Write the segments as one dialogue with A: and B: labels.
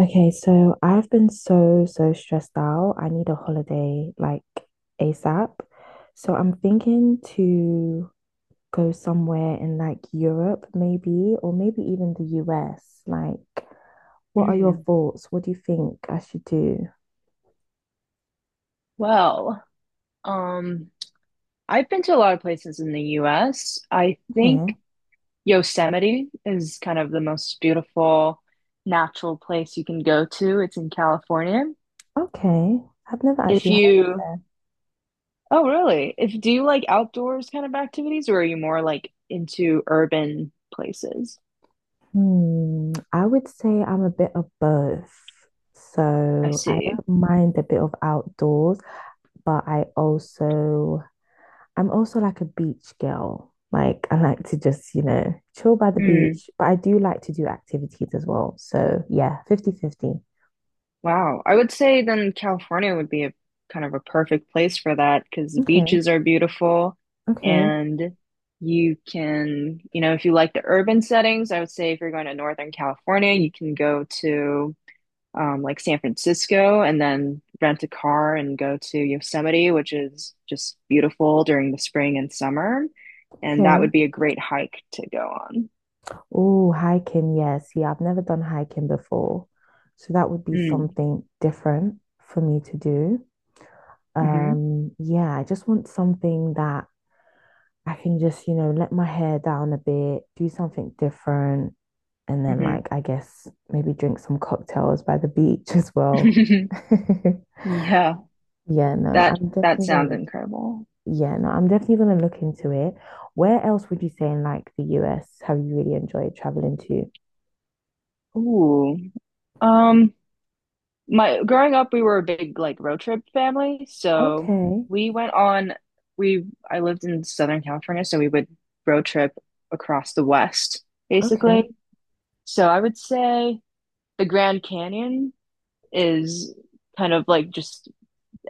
A: Okay, so I've been so, so stressed out. I need a holiday like ASAP. So I'm thinking to go somewhere in like Europe, maybe, or maybe even the US. Like, what are your
B: Mm.
A: thoughts? What do you think I should do?
B: Well, um, I've been to a lot of places in the US. I
A: Okay.
B: think Yosemite is kind of the most beautiful natural place you can go to. It's in California.
A: Okay. I've never
B: If
A: actually heard of
B: you,
A: that.
B: Oh, really? If do you like outdoors kind of activities, or are you more like into urban places?
A: Hmm. I would say I'm a bit of both.
B: I
A: So I
B: see.
A: don't mind a bit of outdoors, but I'm also like a beach girl. Like I like to just, chill by the
B: Mm.
A: beach, but I do like to do activities as well. So yeah, fifty-fifty.
B: Wow. I would say then California would be a kind of a perfect place for that because the
A: Okay,
B: beaches are beautiful
A: okay,
B: and you can, if you like the urban settings, I would say if you're going to Northern California, you can go to like San Francisco and then rent a car and go to Yosemite, which is just beautiful during the spring and summer. And that
A: okay.
B: would be a great hike to go on.
A: Oh, hiking. Yes. Yeah, see, I've never done hiking before. So that would be
B: Mm.
A: something different for me to do.
B: hmm
A: Yeah, I just want something that I can just, let my hair down a bit, do something different, and then like I guess maybe drink some cocktails by the beach as well.
B: hmm Yeah,
A: Yeah, no,
B: that
A: I'm
B: that
A: definitely gonna
B: sounds
A: look.
B: incredible.
A: Yeah, no, I'm definitely gonna look into it. Where else would you say in like the US have you really enjoyed traveling to?
B: Ooh. Um, my growing up, we were a big like road trip family, so
A: Okay,
B: we went on we I lived in Southern California, so we would road trip across the West,
A: okay.
B: basically. So I would say the Grand Canyon is kind of like just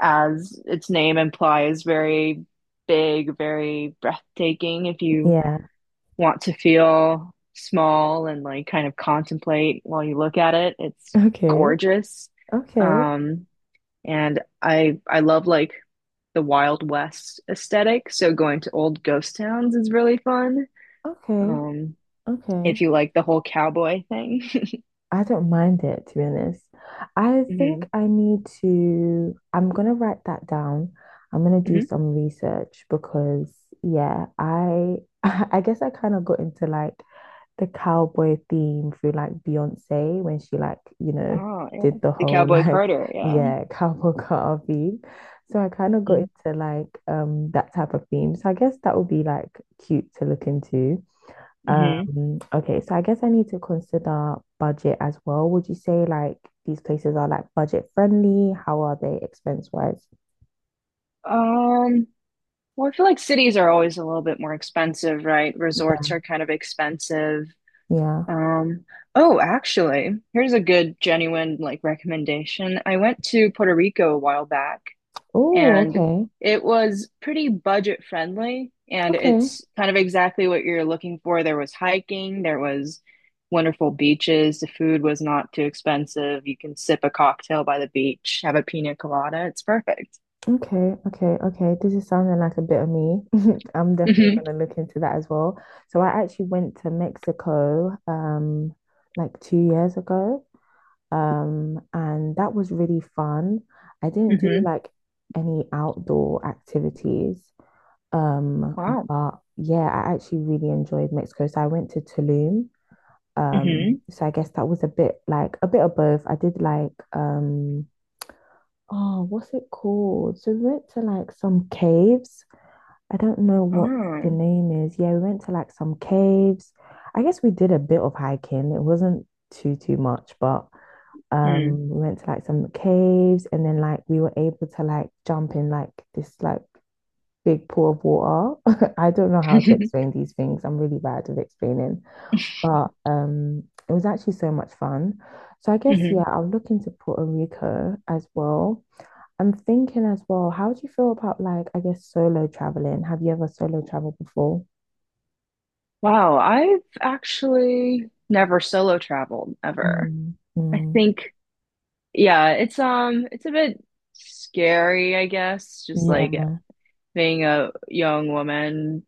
B: as its name implies, very big, very breathtaking if you
A: Yeah.
B: want to feel small and like kind of contemplate while you look at it. It's
A: Okay,
B: gorgeous.
A: okay,
B: Um, and I love like the Wild West aesthetic. So going to old ghost towns is really fun.
A: okay,
B: Um,
A: okay.
B: if you like the whole cowboy thing.
A: I don't mind it, to be honest. I think
B: hmm
A: I need to, I'm gonna write that down. I'm gonna do
B: hmm
A: some research because yeah, I I guess I kind of got into like the cowboy theme through like Beyonce when she like,
B: Oh, yeah.
A: did the
B: The
A: whole
B: Cowboy
A: like
B: Carter, yeah.
A: yeah, cowboy car theme. So I kind of got
B: Mm-hmm.
A: into like that type of theme. So I guess that would be like cute to look into.
B: Mm-hmm.
A: Okay, so I guess I need to consider budget as well. Would you say like these places are like budget friendly? How are they expense wise?
B: Um, well, I feel like cities are always a little bit more expensive, right?
A: Yeah.
B: Resorts are kind of expensive.
A: Yeah.
B: Um, oh, actually, here's a good, genuine like recommendation. I went to Puerto Rico a while back
A: Oh,
B: and
A: okay.
B: it was pretty budget friendly and
A: Okay.
B: it's kind of exactly what you're looking for. There was hiking, there was wonderful beaches, the food was not too expensive. You can sip a cocktail by the beach, have a pina colada. It's perfect.
A: Okay. Okay. Okay. This is sounding like a bit of me. I'm definitely
B: hmm
A: gonna look into that as well. So I actually went to Mexico like 2 years ago. And that was really fun. I didn't do
B: hmm
A: like any outdoor activities. Um,
B: Wow.
A: but yeah, I actually really enjoyed Mexico. So I went to Tulum.
B: Hmm.
A: So I guess that was a bit of both. I did oh, what's it called? So we went to like some caves. I don't know what the
B: Oh.
A: name is. Yeah, we went to like some caves. I guess we did a bit of hiking. It wasn't too much, but we went to like some caves and then like we were able to like jump in like this like big pool of water. I don't know how to
B: Mm.
A: explain these things. I'm really bad at explaining, but it was actually so much fun. So I guess yeah, I'm looking to Puerto Rico as well. I'm thinking as well. How do you feel about like I guess solo traveling? Have you ever solo traveled before?
B: Wow, I've actually never solo traveled ever.
A: Mm,
B: I
A: mm,
B: think, yeah, it's it's a bit scary, I guess, just like
A: yeah,
B: being a young woman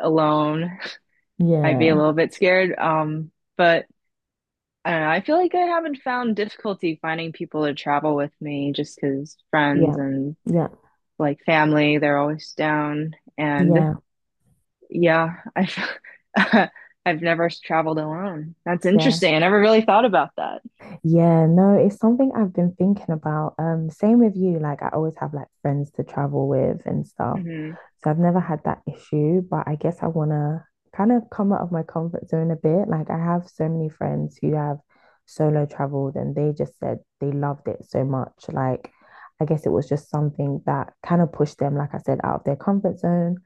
B: alone. I'd be a
A: yeah,
B: little bit scared. But I don't know, I feel like I haven't found difficulty finding people to travel with me just because
A: yeah,
B: friends and
A: yeah,
B: like family, they're always down. And
A: yeah,
B: yeah, I've I've never traveled alone. That's
A: yeah.
B: interesting. I never really thought about that.
A: Yeah, no, it's something I've been thinking about. Same with you. Like I always have like friends to travel with and stuff.
B: hmm
A: So I've never had that issue, but I guess I wanna kind of come out of my comfort zone a bit. Like I have so many friends who have solo traveled and they just said they loved it so much. Like I guess it was just something that kind of pushed them, like I said, out of their comfort zone.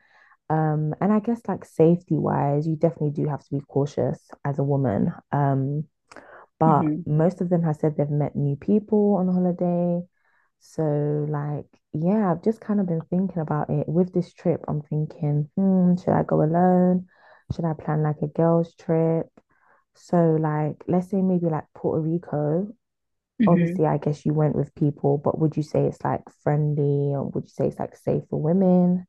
A: And I guess like safety wise, you definitely do have to be cautious as a woman. But
B: hmm
A: most of them have said they've met new people on holiday. So, like, yeah, I've just kind of been thinking about it. With this trip, I'm thinking, should I go alone? Should I plan like a girls' trip? So, like, let's say maybe like Puerto Rico.
B: hmm
A: Obviously, I guess you went with people, but would you say it's like friendly or would you say it's like safe for women?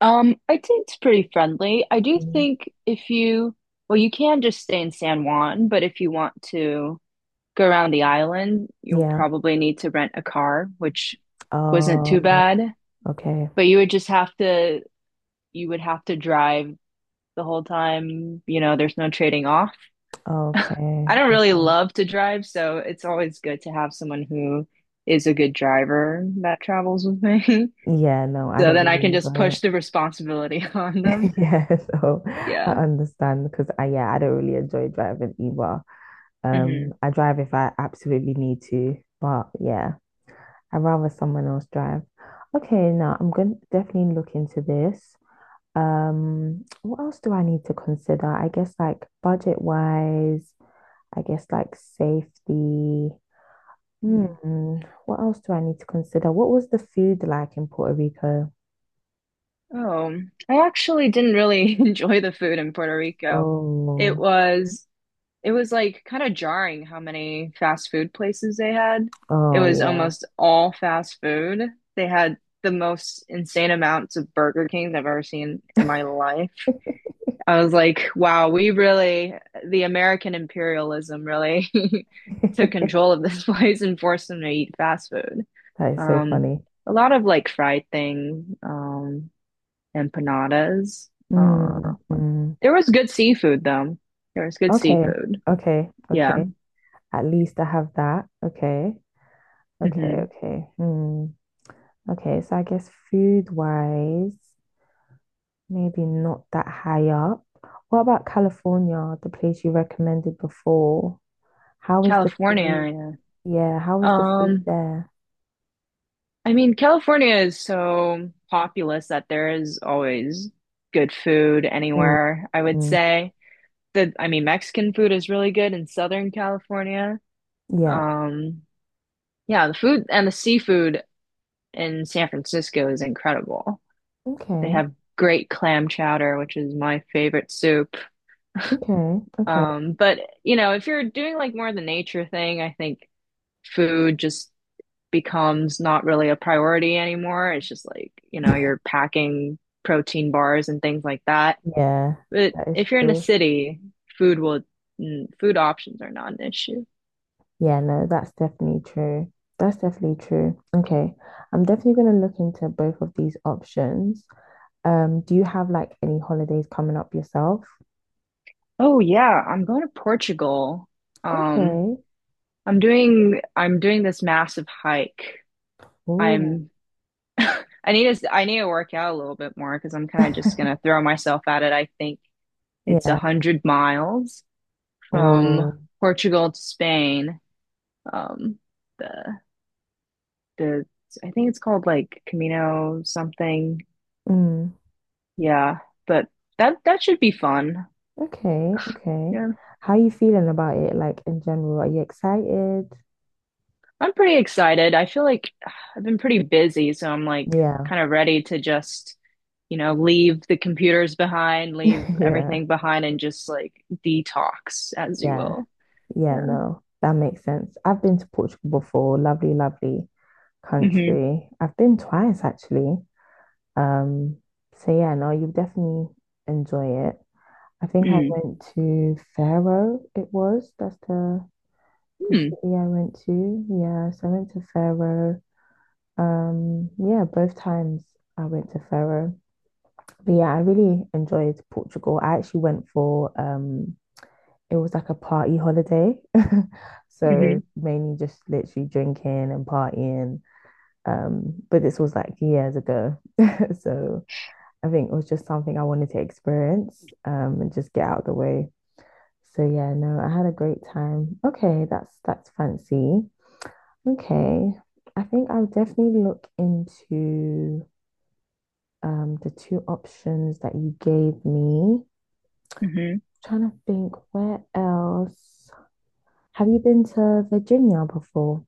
B: I think it's pretty friendly. I do
A: Mm.
B: think if you, well, you can just stay in San Juan, but if you want to go around the island, you'll
A: Yeah.
B: probably need to rent a car, which wasn't too
A: Um,
B: bad.
A: okay.
B: But you would have to drive the whole time. There's no trading off.
A: Okay.
B: I don't really
A: Okay.
B: love to drive, so it's always good to have someone who is a good driver that travels with me.
A: Yeah, no, I
B: So
A: don't
B: then I
A: really
B: can just
A: enjoy it.
B: push the responsibility on them.
A: Yeah, so I
B: Yeah.
A: understand because I don't really enjoy driving either.
B: hmm
A: I drive if I absolutely need to, but yeah, I'd rather someone else drive. Okay, now I'm going to definitely look into this. What else do I need to consider? I guess like budget wise, I guess like safety.
B: hmm
A: Hmm, what else do I need to consider? What was the food like in Puerto Rico?
B: Oh, I actually didn't really enjoy the food in Puerto Rico. It
A: Oh,
B: was it was like kind of jarring how many fast food places they had. It
A: oh
B: was almost all fast food. They had the most insane amounts of Burger Kings I've ever seen in my life. I was like, wow, we really, the American imperialism really took
A: yeah.
B: control of this place and forced them to eat fast food.
A: That is so
B: Um,
A: funny.
B: a lot of like fried things, empanadas. Uh,
A: Mm, mm.
B: there was good seafood though. There was good
A: Okay,
B: seafood.
A: okay,
B: Yeah.
A: okay. At least I have that. Okay, okay,
B: Hmm.
A: okay. Hmm. Okay, so I guess food wise, maybe not that high up. What about California, the place you recommended before? How is the food?
B: California.
A: Yeah, how
B: Yeah.
A: is the food
B: Um,
A: there?
B: I mean, California is so populous that there is always good food
A: Mm,
B: anywhere, I would
A: mm.
B: say. The I mean Mexican food is really good in Southern California.
A: Yeah.
B: Um, yeah, the food and the seafood in San Francisco is incredible. They
A: Okay,
B: have great clam chowder, which is my favorite soup.
A: okay, okay.
B: But if you're doing like more of the nature thing, I think food just becomes not really a priority anymore. It's just like, you're packing protein bars and things like that.
A: Yeah,
B: But
A: that is
B: if you're in a
A: true.
B: city, food will food options are not an issue.
A: Yeah, no, that's definitely true. That's definitely true. Okay. I'm definitely going to look into both of these options. Do you have like any holidays coming up yourself?
B: Oh yeah, I'm going to Portugal. Um,
A: Okay.
B: I'm doing this massive hike.
A: Oh.
B: I'm I need to work out a little bit more because I'm kind of just gonna throw myself at it. I think it's a
A: Yeah.
B: hundred miles from
A: Oh.
B: Portugal to Spain. Um, the the I think it's called like Camino something.
A: Mm.
B: Yeah, but that should be fun.
A: Okay. Okay.
B: Yeah.
A: How are you feeling about it? Like in general, are you excited?
B: I'm pretty excited. I feel like I've been pretty busy, so I'm like
A: Yeah.
B: kind of ready to just, leave the computers behind, leave
A: Yeah.
B: everything behind, and just like detox, as you
A: Yeah.
B: will.
A: Yeah,
B: Yeah.
A: no, that makes sense. I've been to Portugal before. Lovely, lovely
B: Mm-hmm.
A: country. I've been twice actually. Um, so yeah, no, you definitely enjoy it. I think I
B: Mm.
A: went to Faro, it was. That's the
B: Mm.
A: city I went to. Yeah, so I went to Faro. Yeah, both times I went to Faro. But yeah, I really enjoyed Portugal. I actually went for it was like a party holiday.
B: Mm-hmm.
A: So mainly just literally drinking and partying. But this was like years ago. So I think it was just something I wanted to experience and just get out of the way. So yeah, no, I had a great time. Okay, that's fancy. Okay, I think I'll definitely look into the two options that you gave me. I'm
B: Mm-hmm.
A: trying to think where else. Have you been to Virginia before?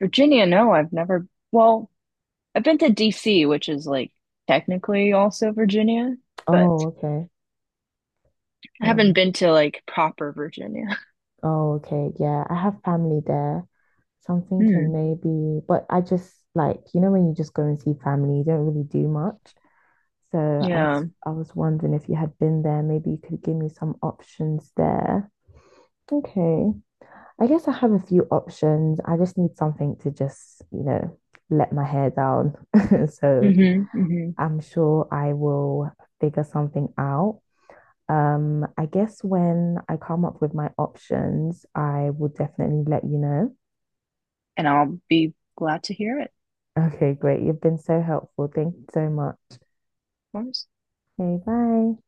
B: Virginia, no, I've never, well, I've been to DC, which is like technically also Virginia, but
A: Oh, okay.
B: I haven't
A: Oh.
B: been to like proper Virginia.
A: Oh, okay. Yeah, I have family there. So I'm thinking
B: Hmm.
A: maybe, but I just like, when you just go and see family, you don't really do much. So I
B: Yeah.
A: was I was wondering if you had been there, maybe you could give me some options there. Okay. I guess I have a few options. I just need something to just, let my hair down. So
B: Mm-hmm. Mm-hmm.
A: I'm sure I will figure something out. I guess when I come up with my options, I will definitely let you know.
B: And I'll be glad to hear it,
A: Okay, great. You've been so helpful. Thank you so much.
B: of course.
A: Okay, bye.